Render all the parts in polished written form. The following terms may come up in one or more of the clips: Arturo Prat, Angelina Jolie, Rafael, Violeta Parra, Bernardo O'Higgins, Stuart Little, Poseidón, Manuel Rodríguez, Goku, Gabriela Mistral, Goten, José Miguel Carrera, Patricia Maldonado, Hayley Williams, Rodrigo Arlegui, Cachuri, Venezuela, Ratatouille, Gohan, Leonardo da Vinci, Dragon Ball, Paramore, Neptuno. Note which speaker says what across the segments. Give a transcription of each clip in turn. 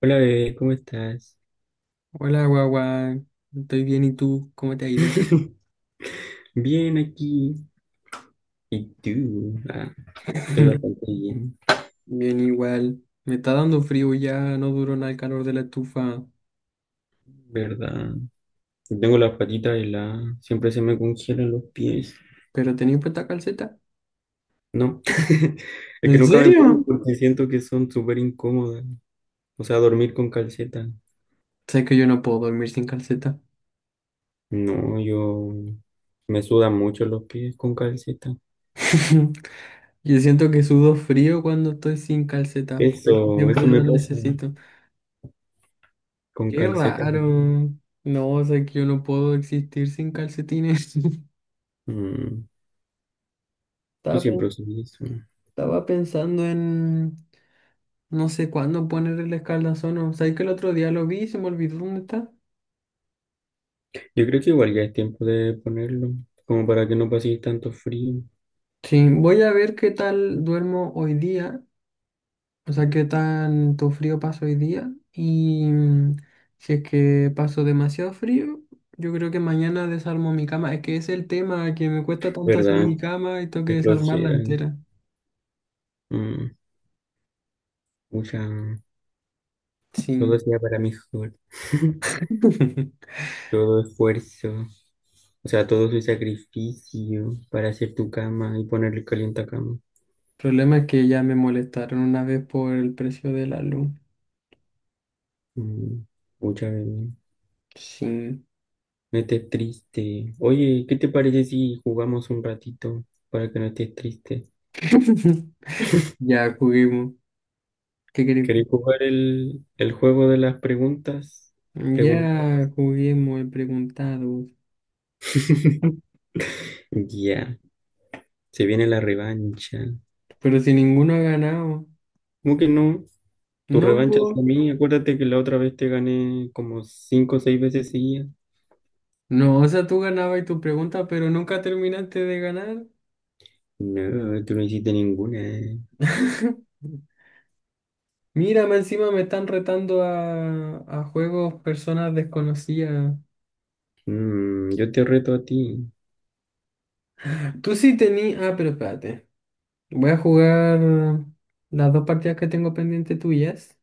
Speaker 1: Hola bebé, ¿cómo estás?
Speaker 2: Hola, guagua. Estoy bien, ¿y tú? ¿Cómo te ha ido?
Speaker 1: Bien aquí. ¿Y tú? Ah, estoy bastante bien,
Speaker 2: Bien, igual. Me está dando frío ya, no duró nada el calor de la estufa.
Speaker 1: ¿verdad? Tengo las patitas heladas, siempre se me congelan los pies.
Speaker 2: ¿Pero tenía puesta calceta?
Speaker 1: No, es que
Speaker 2: ¿En
Speaker 1: nunca me pongo
Speaker 2: serio?
Speaker 1: porque siento que son súper incómodas. O sea, dormir con calceta.
Speaker 2: Sé que yo no puedo dormir sin calceta.
Speaker 1: No, yo me sudan mucho los pies con calceta.
Speaker 2: Yo siento que sudo frío cuando estoy sin calcetas, porque
Speaker 1: Eso
Speaker 2: siempre
Speaker 1: me
Speaker 2: las
Speaker 1: pasa
Speaker 2: necesito.
Speaker 1: con
Speaker 2: ¡Qué
Speaker 1: calceta.
Speaker 2: raro! No, sé que yo no puedo existir sin calcetines.
Speaker 1: Mm, tú
Speaker 2: Estaba, pen-
Speaker 1: siempre usas eso.
Speaker 2: Estaba pensando en. No sé cuándo poner el escaldazón. Sabes que el otro día lo vi y se me olvidó dónde está.
Speaker 1: Yo creo que igual ya es tiempo de ponerlo, como para que no pase tanto frío,
Speaker 2: Sí, voy a ver qué tal duermo hoy día. O sea, qué tanto frío paso hoy día. Y si es que paso demasiado frío, yo creo que mañana desarmo mi cama. Es que ese es el tema que me cuesta tanto hacer
Speaker 1: ¿verdad?
Speaker 2: mi cama y tengo que
Speaker 1: Qué
Speaker 2: desarmarla
Speaker 1: flojera.
Speaker 2: entera.
Speaker 1: Mm, mucha... Todo
Speaker 2: Sí.
Speaker 1: sea para mejor. Todo esfuerzo. O sea, todo su sacrificio para hacer tu cama y ponerle caliente a cama.
Speaker 2: El problema es que ya me molestaron una vez por el precio de la luz.
Speaker 1: Mm, mucha bebé.
Speaker 2: Sí.
Speaker 1: No estés triste. Oye, ¿qué te parece si jugamos un ratito para que no estés triste?
Speaker 2: Ya juguemos. ¿Qué querés?
Speaker 1: ¿Querés jugar el juego de las preguntas? Preguntas.
Speaker 2: Ya juguemos, he preguntado,
Speaker 1: Ya. Se viene la revancha.
Speaker 2: pero si ninguno ha ganado.
Speaker 1: ¿Cómo que no? Tu
Speaker 2: No,
Speaker 1: revancha es a
Speaker 2: po.
Speaker 1: mí. Acuérdate que la otra vez te gané como cinco o seis veces seguidas.
Speaker 2: No, o sea, tú ganabas tu pregunta, pero nunca terminaste de ganar.
Speaker 1: No, tú no hiciste ninguna.
Speaker 2: Mira, más encima me están retando a juegos personas desconocidas.
Speaker 1: Yo te reto a ti.
Speaker 2: Tú sí tenías. Ah, pero espérate. Voy a jugar las dos partidas que tengo pendiente tuyas.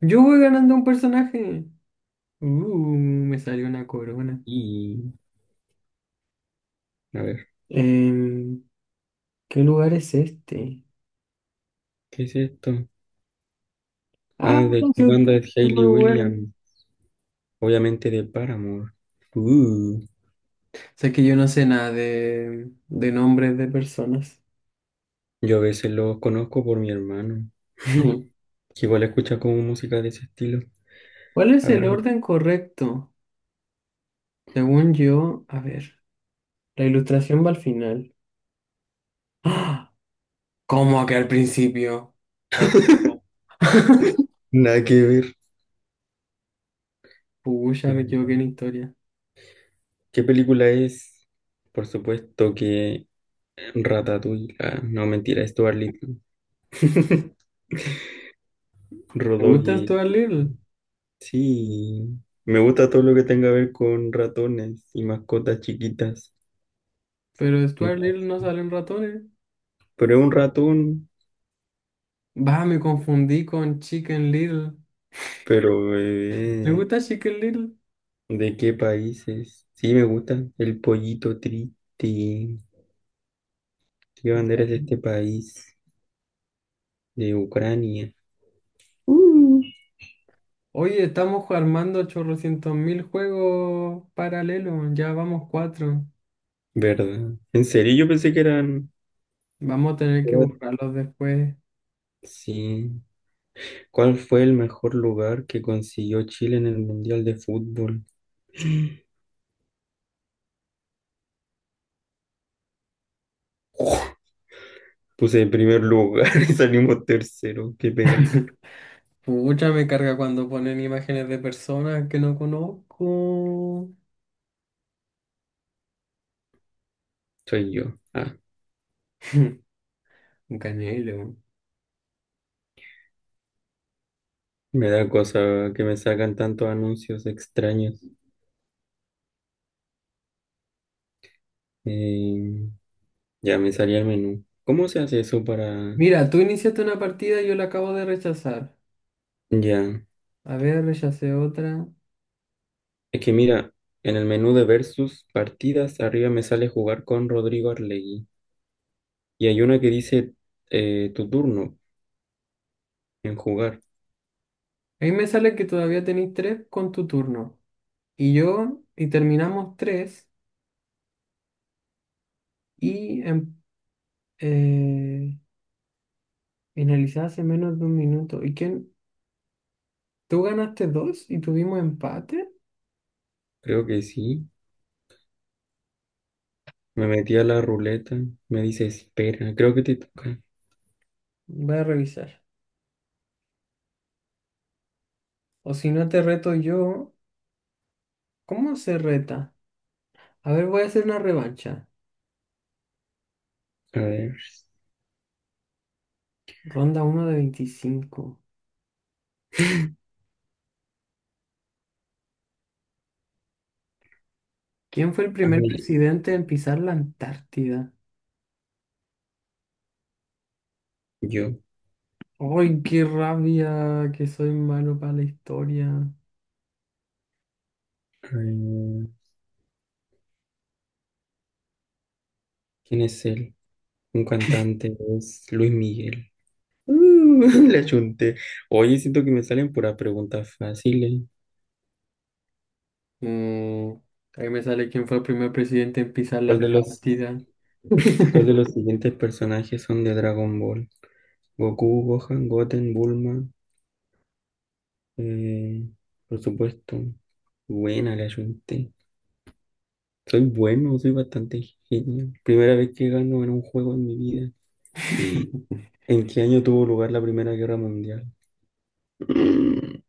Speaker 2: Yo voy ganando un personaje. Uh, me salió una corona.
Speaker 1: Y, a ver,
Speaker 2: Em, ¿qué lugar es este?
Speaker 1: ¿qué es esto? Ah,
Speaker 2: Ah,
Speaker 1: ¿de qué
Speaker 2: qué, qué
Speaker 1: banda es Hayley
Speaker 2: muy bueno.
Speaker 1: Williams? Obviamente de Paramore. Uh,
Speaker 2: Sé que yo no sé nada de nombres de personas.
Speaker 1: yo a veces los conozco por mi hermano, que igual escucha como música de ese estilo.
Speaker 2: ¿Cuál es
Speaker 1: A
Speaker 2: el
Speaker 1: ver,
Speaker 2: orden correcto? Según yo, a ver, la ilustración va al final. ¡Ah! ¿Cómo que al principio? Oh.
Speaker 1: nada que ver.
Speaker 2: Pucha,
Speaker 1: A
Speaker 2: me
Speaker 1: ver,
Speaker 2: equivoqué en historia.
Speaker 1: ¿qué película es? Por supuesto que Ratatouille. Ah, no, mentira, Stuart Little.
Speaker 2: Me gusta
Speaker 1: Rodogi.
Speaker 2: Stuart Little,
Speaker 1: Sí, me gusta todo lo que tenga que ver con ratones y mascotas chiquitas.
Speaker 2: pero Stuart Little
Speaker 1: Casa.
Speaker 2: no salen ratones.
Speaker 1: Pero es un ratón,
Speaker 2: Va, me confundí con Chicken Little.
Speaker 1: pero
Speaker 2: ¿Te gusta Chicken Little?
Speaker 1: ¿de qué países? Sí, me gusta. El pollito triste. ¿Qué bandera es de este país? De Ucrania. Uh.
Speaker 2: Oye, estamos armando chorrocientos mil juegos paralelos, ya vamos cuatro.
Speaker 1: ¿Verdad? ¿En serio? Yo pensé que eran...
Speaker 2: Vamos a tener que
Speaker 1: era-
Speaker 2: borrarlos después.
Speaker 1: Sí. ¿Cuál fue el mejor lugar que consiguió Chile en el Mundial de Fútbol? Uf, puse en primer lugar y salimos tercero. Qué penca.
Speaker 2: Pucha, me carga cuando ponen imágenes de personas que no conozco.
Speaker 1: Soy yo. Ah,
Speaker 2: Un canelo.
Speaker 1: me da cosa que me sacan tantos anuncios extraños. Eh, ya me salía el menú. ¿Cómo se hace eso para...?
Speaker 2: Mira, tú iniciaste una partida y yo la acabo de rechazar.
Speaker 1: Ya.
Speaker 2: A ver, rechacé otra.
Speaker 1: Es que mira, en el menú de versus partidas, arriba me sale jugar con Rodrigo Arlegui. Y hay una que dice tu turno en jugar.
Speaker 2: Ahí me sale que todavía tenéis tres con tu turno. Y yo, y terminamos tres. Y eh, finalizé hace menos de un minuto. ¿Y quién? Tú ganaste dos y tuvimos empate.
Speaker 1: Creo que sí. Me metí a la ruleta, me dice, espera, creo que te toca.
Speaker 2: Voy a revisar. O si no te reto yo, ¿cómo se reta? A ver, voy a hacer una revancha.
Speaker 1: A ver,
Speaker 2: Ronda uno de 25. ¿Quién fue el primer
Speaker 1: ay,
Speaker 2: presidente en pisar la Antártida?
Speaker 1: yo.
Speaker 2: ¡Ay, qué rabia! Que soy malo para la historia.
Speaker 1: Ay, ¿quién es él? Un cantante, es Luis Miguel. Uh, la chunté. Oye, siento que me salen puras preguntas fáciles.
Speaker 2: Mm, ahí me sale quién fue el primer presidente en pisar la
Speaker 1: ¿Cuál de los,
Speaker 2: Antártida.
Speaker 1: cuál de los siguientes personajes son de Dragon Ball? Goku, Gohan, Goten, Bulma. eh, por supuesto. Buena, le chunté. Soy bueno, soy bastante genio. Primera vez que gano en un juego en mi vida. ¿En qué año tuvo lugar la Primera Guerra Mundial? Mm,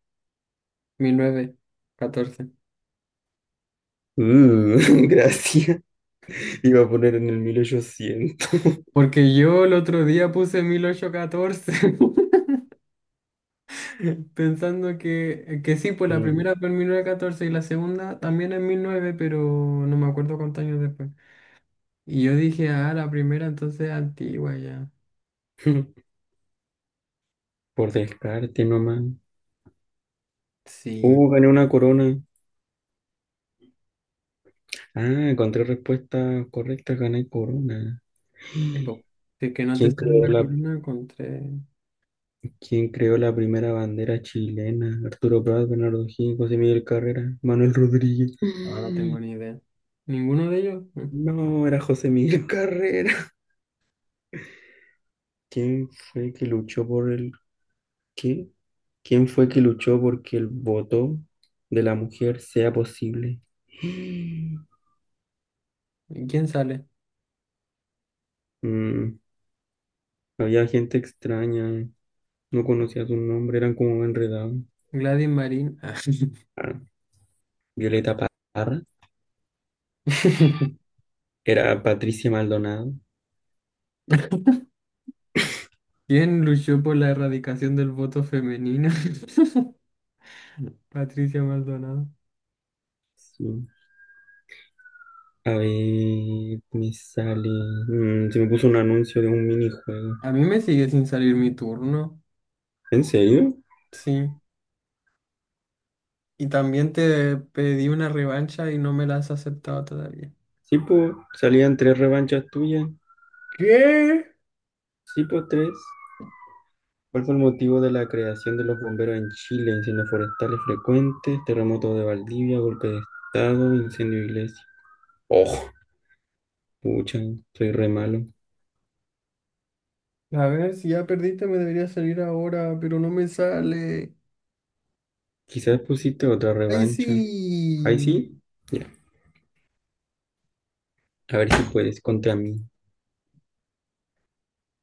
Speaker 2: 1914.
Speaker 1: mm, Gracias. Iba a poner en el 1800.
Speaker 2: Porque yo el otro día puse 1814. Pensando que sí, pues la
Speaker 1: Mm,
Speaker 2: primera fue en 1914 y la segunda también en 1900, pero no me acuerdo cuántos años después. Y yo dije, ah, la primera entonces es antigua ya.
Speaker 1: Por descarte nomás.
Speaker 2: Sí,
Speaker 1: Gané una corona. Ah, encontré respuesta correcta, gané corona.
Speaker 2: po. Si es que no te
Speaker 1: ¿Quién
Speaker 2: sale
Speaker 1: creó
Speaker 2: la
Speaker 1: la,
Speaker 2: corona con tres.
Speaker 1: quién creó la primera bandera chilena? Arturo Prat, Bernardo O'Higgins, José Miguel Carrera, Manuel Rodríguez.
Speaker 2: Ahora no tengo ni idea. ¿Ninguno de ellos? ¿No?
Speaker 1: No, era José Miguel Carrera. ¿Quién fue que luchó por el qué? ¿Quién fue que luchó porque el voto de la mujer sea posible?
Speaker 2: ¿Y quién sale?
Speaker 1: Mm, había gente extraña. No conocía su nombre, eran como enredados.
Speaker 2: Gladys Marín. Ah.
Speaker 1: Ah, Violeta Parra, era Patricia Maldonado.
Speaker 2: ¿Quién luchó por la erradicación del voto femenino? Patricia Maldonado.
Speaker 1: Sí. A ver, me sale. Se me puso un anuncio de un minijuego.
Speaker 2: A mí me sigue sin salir mi turno.
Speaker 1: ¿En serio?
Speaker 2: Sí. Y también te pedí una revancha y no me la has aceptado todavía.
Speaker 1: Sí, pues, salían tres revanchas tuyas.
Speaker 2: ¿Qué?
Speaker 1: Sí, pues, tres. ¿Cuál fue el motivo de la creación de los bomberos en Chile? Incendios forestales frecuentes, terremoto de Valdivia, golpe de estado, incendio de iglesia. Oh, pucha, soy re malo.
Speaker 2: A ver, si ya perdiste me debería salir ahora, pero no me sale.
Speaker 1: Quizás pusiste otra
Speaker 2: ¡Ay,
Speaker 1: revancha. ¿Ahí
Speaker 2: sí!
Speaker 1: sí? Ya. A ver si puedes contra mí.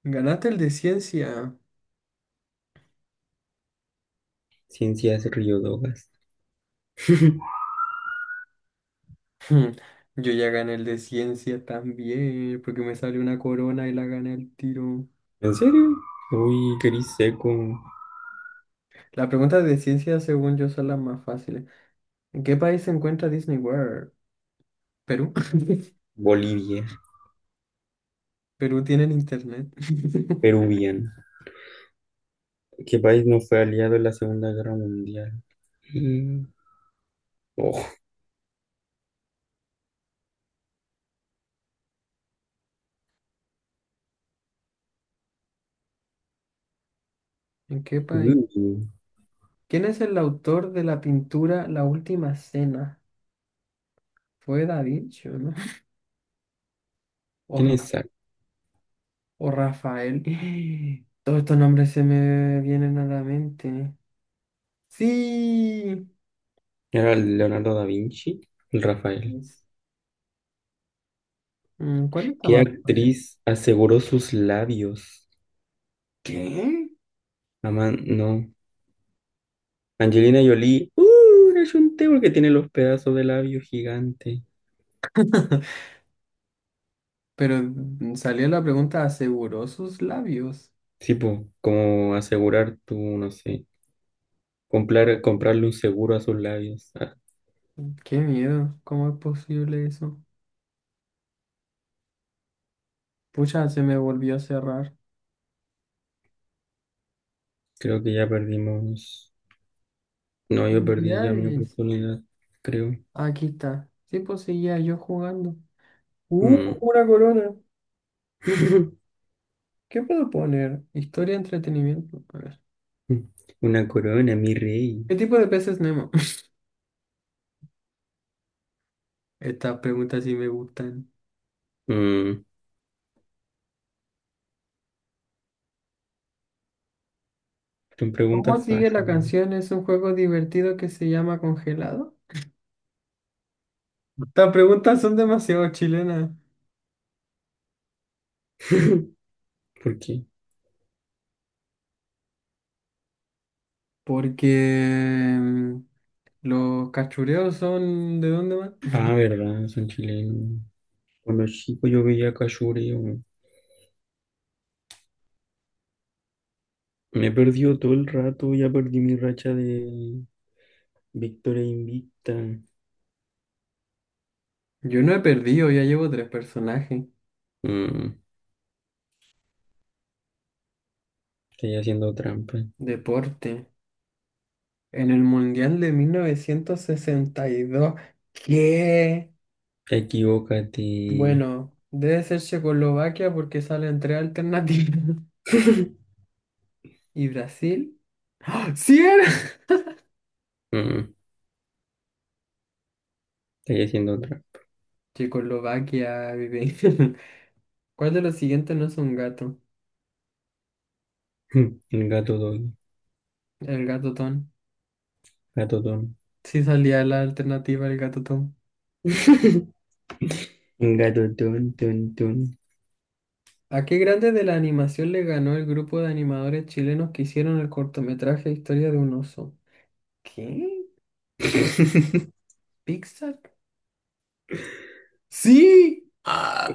Speaker 2: Ganaste el de ciencia.
Speaker 1: Ciencias Riodogas.
Speaker 2: Hmm, Yo ya gané el de ciencia también, porque me salió una corona y la gané al tiro.
Speaker 1: ¿En serio? Uy, gris seco.
Speaker 2: Las preguntas de ciencia, según yo, son las más fáciles. ¿En qué país se encuentra Disney World? Perú.
Speaker 1: Bolivia.
Speaker 2: Perú tienen internet.
Speaker 1: Peruviano. ¿Qué país no fue aliado en la Segunda Guerra Mundial? Mm. Oh,
Speaker 2: ¿En qué país?
Speaker 1: mm.
Speaker 2: ¿Quién es el autor de la pintura La Última Cena? Fue Da Vinci, ¿o no? O,
Speaker 1: ¿Quién es
Speaker 2: Ra-
Speaker 1: Zac?
Speaker 2: o Rafael. Todos estos nombres se me vienen a la mente. Sí.
Speaker 1: Era el Leonardo da Vinci, el Rafael.
Speaker 2: Es- ¿Cuál está
Speaker 1: ¿Qué
Speaker 2: más fácil?
Speaker 1: actriz aseguró sus labios?
Speaker 2: ¿Qué?
Speaker 1: Aman, no. Angelina Jolie. ¡Uh! Le ayunté porque tiene los pedazos de labio gigante.
Speaker 2: Pero salió la pregunta, ¿aseguró sus labios?
Speaker 1: Sí, po, como asegurar tu, no sé, comprarle un seguro a sus labios. Ah,
Speaker 2: Qué miedo, ¿cómo es posible eso? Pucha, se me volvió a cerrar.
Speaker 1: creo que ya perdimos. No, yo perdí ya mi
Speaker 2: Felicidades.
Speaker 1: oportunidad, creo.
Speaker 2: Aquí está. Sí, pues seguía yo jugando. ¡Uh!
Speaker 1: Mm.
Speaker 2: Una corona. ¿Qué puedo poner? Historia, entretenimiento. A ver.
Speaker 1: Una corona, mi rey.
Speaker 2: ¿Qué tipo de peces Nemo? Estas preguntas sí me gustan.
Speaker 1: Mm, Son
Speaker 2: ¿Cómo
Speaker 1: preguntas
Speaker 2: sigue la
Speaker 1: fáciles.
Speaker 2: canción? Es un juego divertido que se llama Congelado. Estas preguntas son demasiado chilenas.
Speaker 1: ¿Por qué?
Speaker 2: Porque los cachureos son. ¿De dónde van?
Speaker 1: Ah, verdad, son chilenos. Cuando chico yo veía Cachuri, weón. Me perdió todo el rato, ya perdí mi racha de victoria invicta.
Speaker 2: Yo no he perdido, ya llevo tres personajes.
Speaker 1: Mm, Estoy haciendo trampa.
Speaker 2: Deporte. En el Mundial de 1962. ¿Qué?
Speaker 1: Equivócate.
Speaker 2: Bueno, debe ser Checoslovaquia porque salen tres alternativas. ¿Y Brasil? ¡Ah! ¡Sí era!
Speaker 1: Mm, Estoy haciendo trampa.
Speaker 2: Checoslovaquia, bebé. ¿Cuál de los siguientes no es un gato?
Speaker 1: Gato don,
Speaker 2: El gato Tom.
Speaker 1: gato don,
Speaker 2: Sí salía la alternativa, el gato Tom.
Speaker 1: gato don, don, don.
Speaker 2: ¿A qué grande de la animación le ganó el grupo de animadores chilenos que hicieron el cortometraje Historia de un oso? ¿Qué? ¿Pixar? ¡Sí! ¡Ah!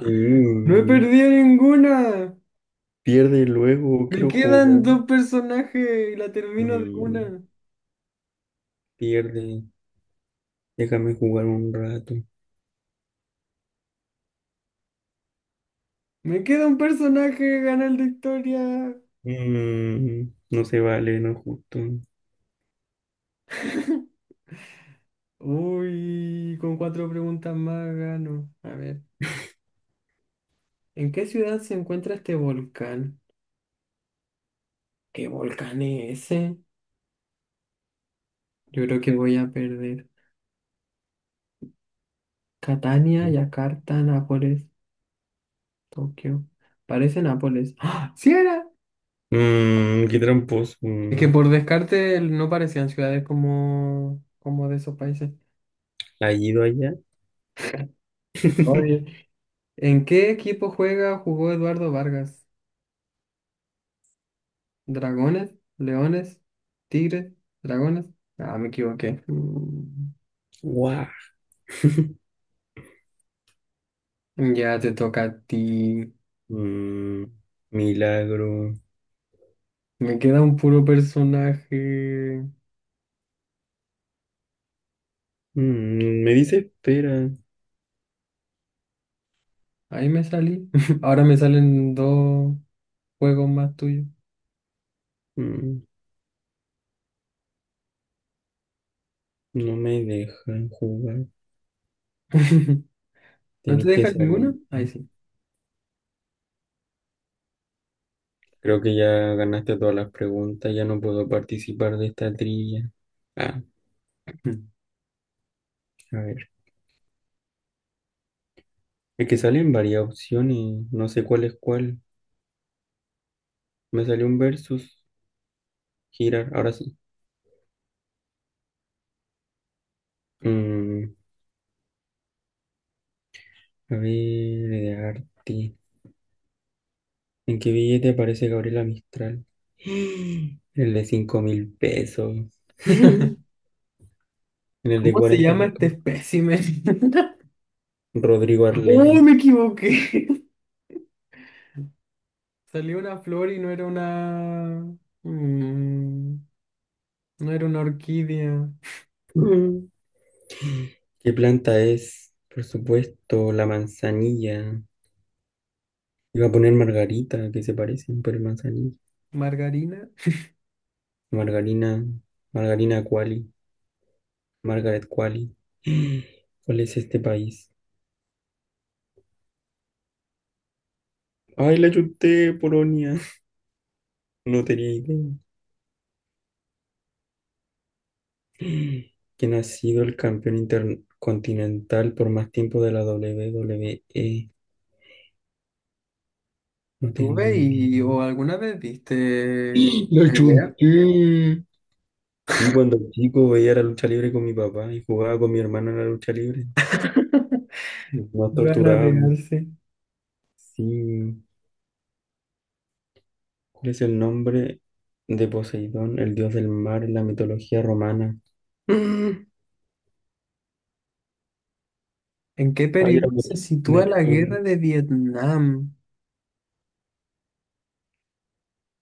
Speaker 2: ¡No he perdido ninguna!
Speaker 1: Pierde luego,
Speaker 2: Me
Speaker 1: quiero jugar.
Speaker 2: quedan dos personajes y la termino de
Speaker 1: Mm,
Speaker 2: una.
Speaker 1: Pierde, déjame jugar un rato.
Speaker 2: Me queda un personaje, gana el de historia.
Speaker 1: Mm, no se vale, no es justo.
Speaker 2: Uy, con cuatro preguntas más gano. A ver, ¿en qué ciudad se encuentra este volcán? ¿Qué volcán es ese? Yo creo que voy a perder. Catania, Yakarta, Nápoles, Tokio. Parece Nápoles. ¡Ah! ¡Sí era!
Speaker 1: Qué tramposo.
Speaker 2: Es que por descarte no parecían ciudades como de esos países.
Speaker 1: ¿Ha ido allá?
Speaker 2: Oye. ¿En qué equipo juega, jugó Eduardo Vargas? ¿Dragones? ¿Leones? ¿Tigres? ¿Dragones? Ah, me equivoqué. Mm.
Speaker 1: Guau.
Speaker 2: Ya te toca a ti.
Speaker 1: Mm, Milagro.
Speaker 2: Me queda un puro personaje.
Speaker 1: Me dice espera.
Speaker 2: Ahí me salí. Ahora me salen dos juegos más tuyos.
Speaker 1: Mm, no me dejan jugar.
Speaker 2: ¿No te
Speaker 1: Tenés que
Speaker 2: dejan ninguno?
Speaker 1: salir.
Speaker 2: Ahí sí.
Speaker 1: Creo que ya ganaste todas las preguntas. Ya no puedo participar de esta trilla. Ah, a ver. Es que salen varias opciones. No sé cuál es cuál. Me salió un versus. Girar. Ahora sí. Mm, A ver, de arte. ¿En qué billete aparece Gabriela Mistral? En el de $5.000. En el de
Speaker 2: ¿Cómo se
Speaker 1: cuarenta.
Speaker 2: llama este
Speaker 1: lucas.
Speaker 2: espécimen?
Speaker 1: Rodrigo
Speaker 2: ¡Oh,
Speaker 1: Arlegui.
Speaker 2: me equivoqué! Salió una flor y mm, no era una orquídea.
Speaker 1: ¿Qué planta es? Por supuesto, la manzanilla. Iba a poner margarita, que se parecen, pero es manzanilla.
Speaker 2: ¿Margarina?
Speaker 1: Margarina, Margarina Quali, Margaret Quali. ¿Cuál es este país? Ay, la chuté, Polonia. No tenía idea. ¿Quién ha sido el campeón intercontinental por más tiempo de la WWE? No tengo
Speaker 2: ¿Tuve
Speaker 1: idea.
Speaker 2: y o alguna vez viste
Speaker 1: Lo
Speaker 2: pelea?
Speaker 1: chunté. Sí, cuando chico veía la lucha libre con mi papá y jugaba con mi hermano en la lucha libre. Nos
Speaker 2: Van a
Speaker 1: torturábamos.
Speaker 2: pegarse.
Speaker 1: Sí. ¿Cuál es el nombre de Poseidón, el dios del mar en la mitología romana? Mm.
Speaker 2: ¿En qué
Speaker 1: Ay, era
Speaker 2: periodo se sitúa la
Speaker 1: Neptuno.
Speaker 2: guerra de Vietnam?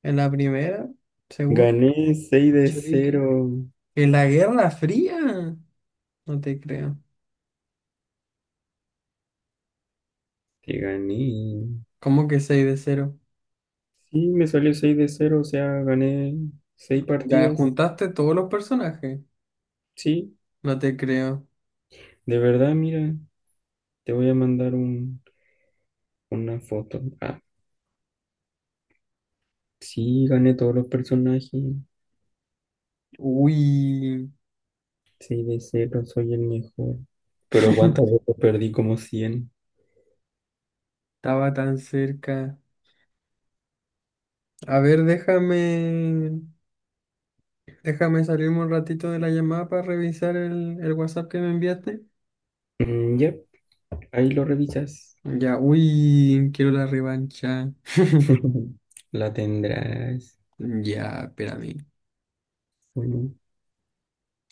Speaker 2: ¿En la primera? ¿Segunda?
Speaker 1: Gané 6 de
Speaker 2: ¿Bolchevique?
Speaker 1: cero.
Speaker 2: ¿En la Guerra Fría? No te creo.
Speaker 1: Te gané.
Speaker 2: ¿Cómo que 6 de cero?
Speaker 1: Sí, me salió 6-0, o sea, gané 6
Speaker 2: Ya
Speaker 1: partidas.
Speaker 2: juntaste todos los personajes.
Speaker 1: Sí,
Speaker 2: No te creo.
Speaker 1: de verdad, mira, te voy a mandar un, una foto. Ah, sí, gané todos los personajes.
Speaker 2: Uy,
Speaker 1: 6 de cero soy el mejor. Pero cuántas veces perdí como cien.
Speaker 2: estaba tan cerca. A ver, déjame, déjame salirme un ratito de la llamada para revisar el WhatsApp que me enviaste.
Speaker 1: Ya, ahí lo revisas.
Speaker 2: Ya, uy, quiero la revancha.
Speaker 1: La tendrás.
Speaker 2: Ya, espérame.
Speaker 1: Bueno,